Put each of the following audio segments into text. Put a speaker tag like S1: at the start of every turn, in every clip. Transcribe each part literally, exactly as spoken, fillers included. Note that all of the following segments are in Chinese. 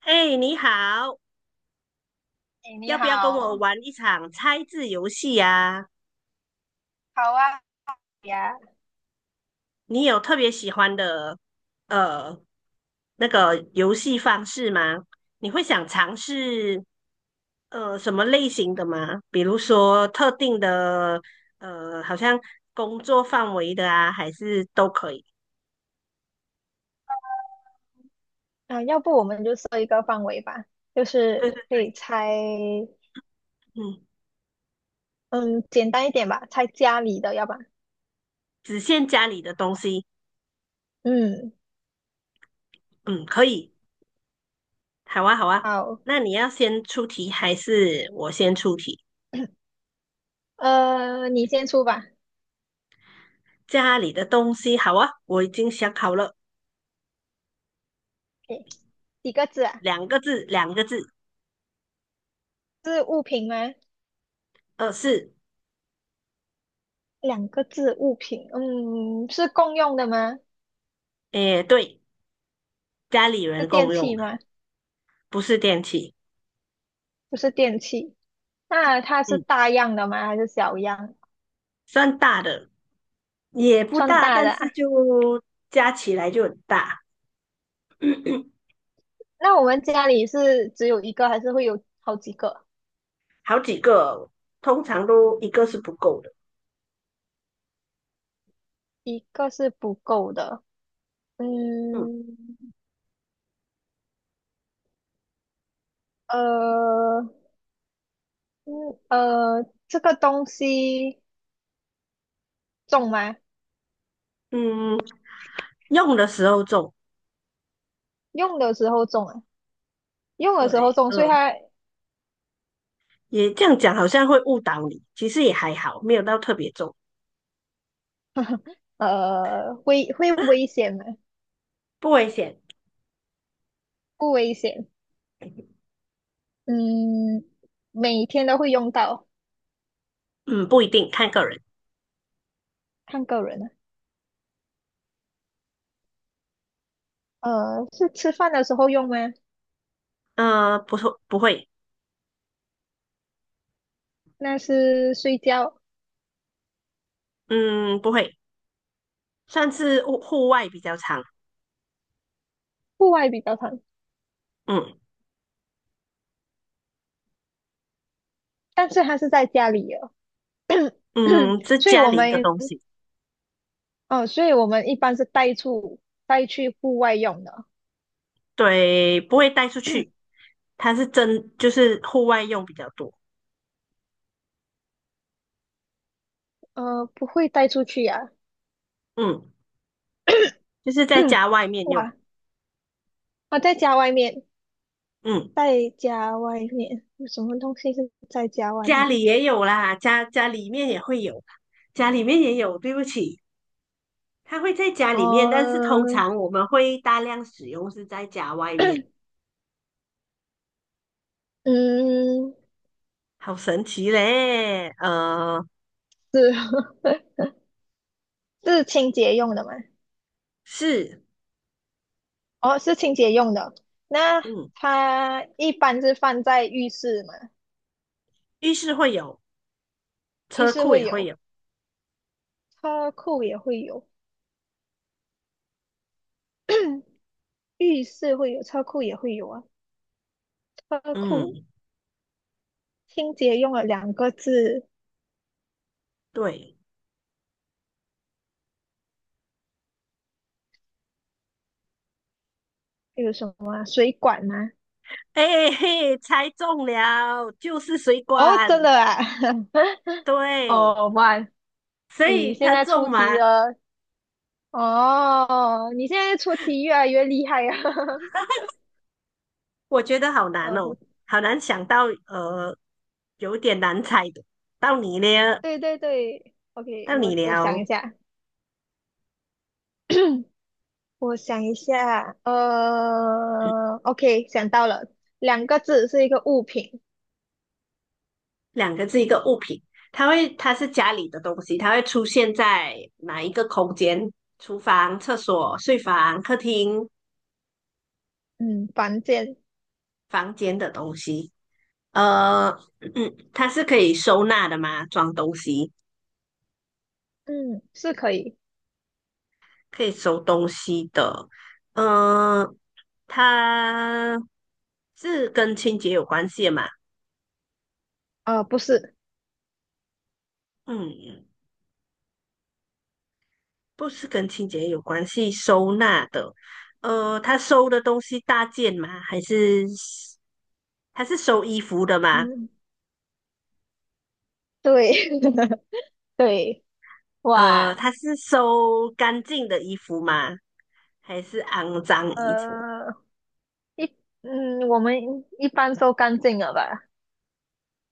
S1: 哎，你好，
S2: 哎，你
S1: 要不要跟我
S2: 好。
S1: 玩一场猜字游戏呀？
S2: 好啊呀。
S1: 你有特别喜欢的呃那个游戏方式吗？你会想尝试呃什么类型的吗？比如说特定的呃，好像工作范围的啊，还是都可以？
S2: 啊，要不我们就设一个范围吧，就
S1: 对
S2: 是
S1: 对，
S2: 可以猜。
S1: 嗯，
S2: 嗯，简单一点吧，猜家里的，要吧？
S1: 只限家里的东西，
S2: 嗯。
S1: 嗯，可以，好啊，好啊。
S2: 好。
S1: 那你要先出题还是我先出题？
S2: 呃，你先出吧。
S1: 家里的东西好啊，我已经想好了，
S2: o 几个字啊？
S1: 两个字，两个字，
S2: 是物品吗？
S1: 呃，是，
S2: 两个字，物品。嗯，是共用的吗？
S1: 诶，对，家里
S2: 是
S1: 人
S2: 电
S1: 共用
S2: 器
S1: 的，
S2: 吗？
S1: 不是电器，
S2: 不是电器。那它是
S1: 嗯，
S2: 大样的吗？还是小样？
S1: 算大的，也不
S2: 算
S1: 大，
S2: 大
S1: 但
S2: 的
S1: 是
S2: 啊。
S1: 就加起来就很大，
S2: 那我们家里是只有一个，还是会有好几个？
S1: 好几个，通常都一个是不够的，
S2: 一个是不够的。
S1: 嗯
S2: 嗯，呃，嗯，呃，这个东西重吗？
S1: 嗯，用的时候重，
S2: 用的时候重啊，用的时候
S1: 对，
S2: 重，所以
S1: 嗯，
S2: 它
S1: 也这样讲好像会误导你，其实也还好，没有到特别重，
S2: 呃会会危险吗？
S1: 不危险，
S2: 不危险。嗯。每天都会用到，
S1: 嗯，不一定，看个人，
S2: 看个人啊。呃，是吃饭的时候用吗？
S1: 呃，不错，不会，
S2: 那是睡觉。
S1: 嗯，不会。算是户户外比较长，
S2: 户外比较常，
S1: 嗯
S2: 但是它是在家里的。
S1: 嗯，是
S2: 所以
S1: 家
S2: 我
S1: 里的
S2: 们，
S1: 东西，
S2: 呃，所以我们一般是带出带去户外用的哦。
S1: 对，不会带出去，它是真就是户外用比较多，
S2: 呃，不会带出去呀、
S1: 嗯，就是在 家外面用，
S2: 哇，我在家外面。
S1: 嗯，
S2: 在家外面有什么东西是在家外
S1: 家
S2: 面？
S1: 里也有啦，家家里面也会有，家里面也有，对不起，它会在家里面，但是通
S2: 哦。
S1: 常我们会大量使用是在家外面，
S2: 嗯，
S1: 好神奇嘞，呃，
S2: 是 是清洁用的吗？
S1: 是，
S2: 哦，是清洁用的。那
S1: 嗯，
S2: 它一般是放在浴室嘛？
S1: 浴室会有，
S2: 浴
S1: 车
S2: 室
S1: 库
S2: 会
S1: 也会
S2: 有，
S1: 有，
S2: 车库也会有。浴室会有，车库也会有啊。车库
S1: 嗯，
S2: 清洁用了两个字，
S1: 对。
S2: 有什么啊？水管吗？
S1: 哎、嘿，猜中了，就是水
S2: 哦，真的
S1: 管。
S2: 啊！
S1: 对，
S2: 哦，哇，
S1: 所
S2: 你
S1: 以
S2: 现
S1: 他
S2: 在出
S1: 中
S2: 题
S1: 吗？
S2: 了哦，你现在出题越来越厉害啊！
S1: 我觉得好 难
S2: 呃，不
S1: 哦，好难想到，呃，有点难猜的。到你了，
S2: 对，对对，OK，
S1: 到
S2: 我
S1: 你
S2: 我想一
S1: 了，
S2: 下。我想一下，呃，OK，想到了，两个字是一个物品。
S1: 两个字一个物品，它会，它是家里的东西，它会出现在哪一个空间？厨房、厕所、睡房、客厅、
S2: 嗯，房间。
S1: 房间的东西。呃，它是可以收纳的吗？装东西。
S2: 嗯，是可以。
S1: 可以收东西的，嗯，呃它是跟清洁有关系的嘛？
S2: 呃，不是。
S1: 嗯，不是跟清洁有关系，收纳的，呃，他收的东西大件吗？还是他是收衣服的吗？
S2: 嗯，对。对，
S1: 呃，
S2: 哇。
S1: 他是收干净的衣服吗？还是肮脏衣服？
S2: 呃，一，嗯，我们一般都干净了吧？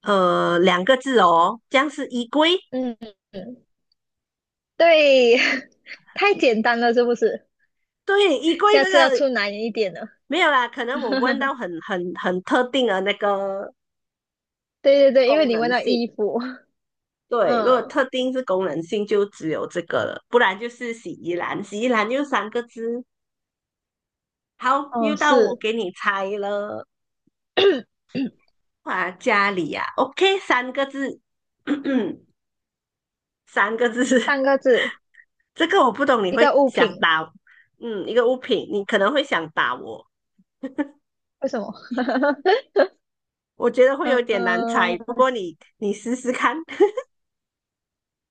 S1: 呃，两个字哦，这样是衣柜。
S2: 嗯。嗯。对。太简单了，是不是？
S1: 对，衣柜
S2: 下
S1: 这
S2: 次要
S1: 个
S2: 出难一点的。
S1: 没有啦，可能我问到 很很很特定的那个
S2: 对对对，因为
S1: 功
S2: 你问
S1: 能
S2: 到
S1: 性。
S2: 衣服。
S1: 对，如果
S2: 嗯。
S1: 特定是功能性，就只有这个了，不然就是洗衣篮。洗衣篮就三个字。好，
S2: 哦，
S1: 又到我
S2: 是
S1: 给你猜了。啊，家里啊，OK，三个字，三个字。
S2: 三个字，
S1: 这个我不懂，你
S2: 一
S1: 会
S2: 个物
S1: 想
S2: 品。
S1: 打，嗯，一个物品，你可能会想打我。
S2: 为什么？
S1: 我觉得会有点难猜，
S2: 嗯。
S1: 不过你你试试看，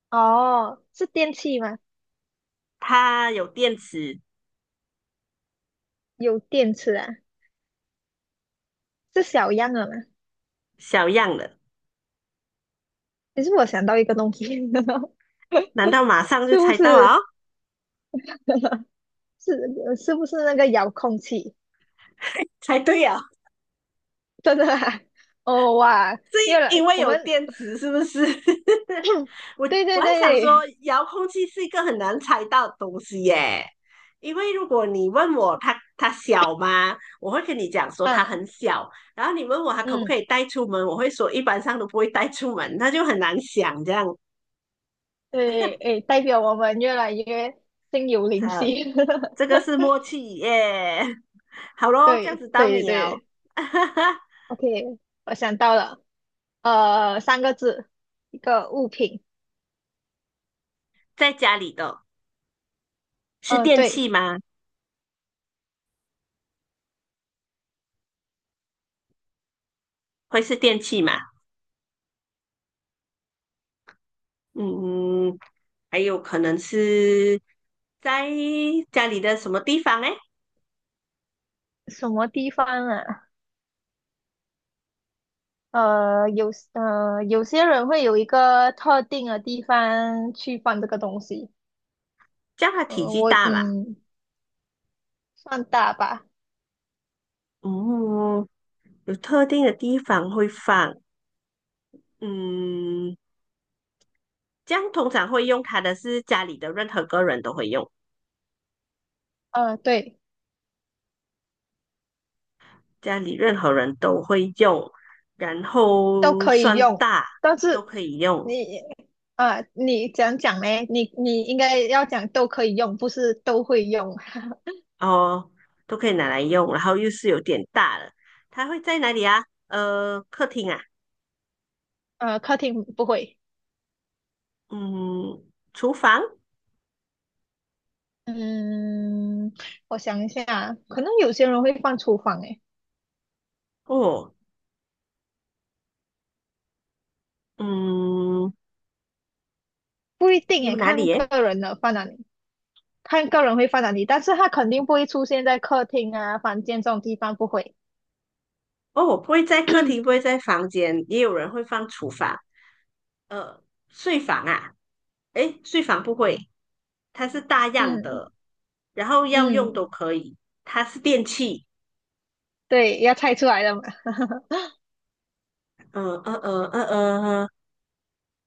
S2: 哦，是电器吗？
S1: 它有电池，
S2: 有电池啊，是小样的吗？
S1: 小样的。
S2: 其实我想到一个东西。
S1: 难道马上就
S2: 是不
S1: 猜到了、
S2: 是？
S1: 哦
S2: 是是不是那个遥控器？
S1: 猜对啊！
S2: 真的啊？哦哇，
S1: 是
S2: 越
S1: 因
S2: 来
S1: 为
S2: 我
S1: 有
S2: 们
S1: 电池，是不是？我
S2: 对
S1: 我
S2: 对
S1: 还想说，
S2: 对。
S1: 遥控器是一个很难猜到的东西耶。因为如果你问我它它小吗，我会跟你讲说它
S2: 嗯。
S1: 很小。然后你问我它可不
S2: 嗯，
S1: 可以带出门，我会说一般上都不会带出门，那就很难想这样。
S2: 对，诶，代表我们越来越心有灵
S1: 它
S2: 犀。
S1: 这个 是默契耶。好咯，这样
S2: 对
S1: 子到
S2: 对
S1: 你哦。
S2: 对 ，OK，我想到了，呃，三个字，一个物品。
S1: 在家里的是
S2: 呃，
S1: 电
S2: 对。
S1: 器吗？会是电器吗？嗯，还有可能是在家里的什么地方哎，
S2: 什么地方啊？呃，有呃，有些人会有一个特定的地方去放这个东西。
S1: 这样它体
S2: 呃，
S1: 积
S2: 我
S1: 大嘛。
S2: 嗯，放大吧。
S1: 嗯，有特定的地方会放。嗯，这样通常会用它的是家里的任何个人都会用，
S2: 呃，对。
S1: 家里任何人都会用，然
S2: 都
S1: 后
S2: 可以
S1: 算
S2: 用，
S1: 大
S2: 但
S1: 都
S2: 是
S1: 可以用
S2: 你啊，你怎样讲呢？你你应该要讲都可以用，不是都会用。
S1: 哦，都可以拿来用，然后又是有点大的，它会在哪里啊？呃，客厅啊，
S2: 呃，客厅不会。
S1: 嗯，厨房。
S2: 嗯，我想一下，可能有些人会放厨房，诶，
S1: 哦，嗯，
S2: 不一定诶，
S1: 有哪里
S2: 看
S1: 耶？
S2: 个人的放哪里。看个人会放哪里，但是他肯定不会出现在客厅啊、房间这种地方，不会。
S1: 哦，不会在客 厅，不 会在房间，也有人会放厨房。呃，睡房啊，诶，睡房不会，它是大样
S2: 嗯。
S1: 的，然后要用
S2: 嗯，
S1: 都可以，它是电器。
S2: 对，要猜出来了嘛。
S1: 呃呃呃呃呃，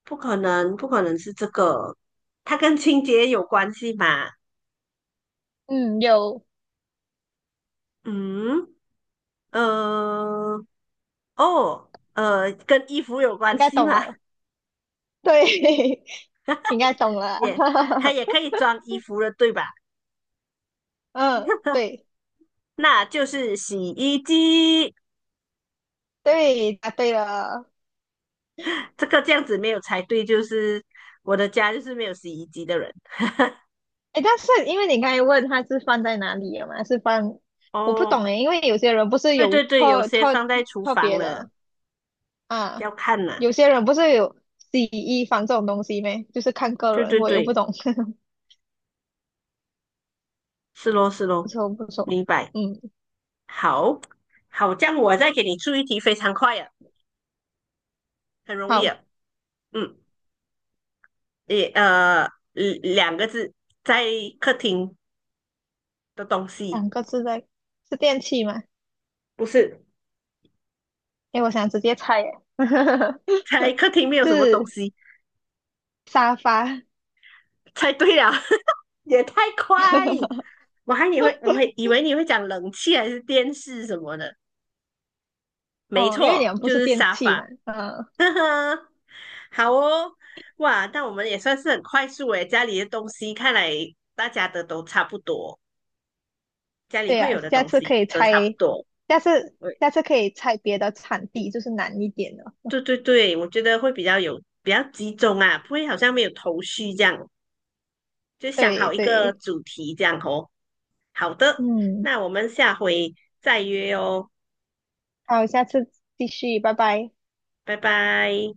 S1: 不可能，不可能是这个，它跟清洁有关系吗？
S2: 嗯，有，
S1: 嗯，呃，哦，呃，跟衣服有
S2: 应
S1: 关
S2: 该
S1: 系
S2: 懂
S1: 吗？
S2: 了。对。应该懂了。
S1: 也，它也可 以装衣服的，对吧？
S2: 嗯，对
S1: 那就是洗衣机。
S2: 对，答对了。
S1: 这个这样子没有猜对，就是我的家就是没有洗衣机的人。
S2: 哎，但是因为你刚才问他是放在哪里了嘛，是放，我不懂
S1: 哦，
S2: 哎，因为有些人不是
S1: 对
S2: 有
S1: 对对，有
S2: 特
S1: 些
S2: 特
S1: 放在厨
S2: 特
S1: 房
S2: 别
S1: 了，
S2: 的啊，
S1: 要看呐、
S2: 有些人不是有洗衣房这种东西咩？就是看个
S1: 对
S2: 人，
S1: 对
S2: 我又不
S1: 对，
S2: 懂。
S1: 是咯是
S2: 不
S1: 咯，
S2: 错不错。
S1: 明白。
S2: 嗯。
S1: 好，好，这样我再给你出一题，非常快啊，很容易啊。
S2: 好，
S1: 嗯，也呃，嗯两个字，在客厅的东
S2: 两
S1: 西，
S2: 个字的是电器吗？
S1: 不是，
S2: 哎，我想直接猜耶。
S1: 在客厅没 有什么东
S2: 是
S1: 西。
S2: 沙发。
S1: 猜对了，也太快。我还你会，我会以为你会讲冷气还是电视什么的，没
S2: 哦，因为你
S1: 错，
S2: 们不
S1: 就
S2: 是
S1: 是
S2: 电
S1: 沙
S2: 器
S1: 发。
S2: 嘛。嗯，
S1: 呵呵，好哦，哇，但我们也算是很快速诶，家里的东西看来大家的都差不多，家里
S2: 对
S1: 会
S2: 呀、
S1: 有的
S2: 下
S1: 东
S2: 次可
S1: 西
S2: 以
S1: 都差不
S2: 拆，
S1: 多。
S2: 下次
S1: 对
S2: 下次可以拆别的产地，就是难一点的。
S1: 对对对，我觉得会比较有比较集中啊，不会好像没有头绪这样，就想
S2: 对
S1: 好一个
S2: 对。
S1: 主题这样哦。好的，
S2: 嗯，
S1: 那我们下回再约哦，
S2: 好，下次继续，拜拜。
S1: 拜拜。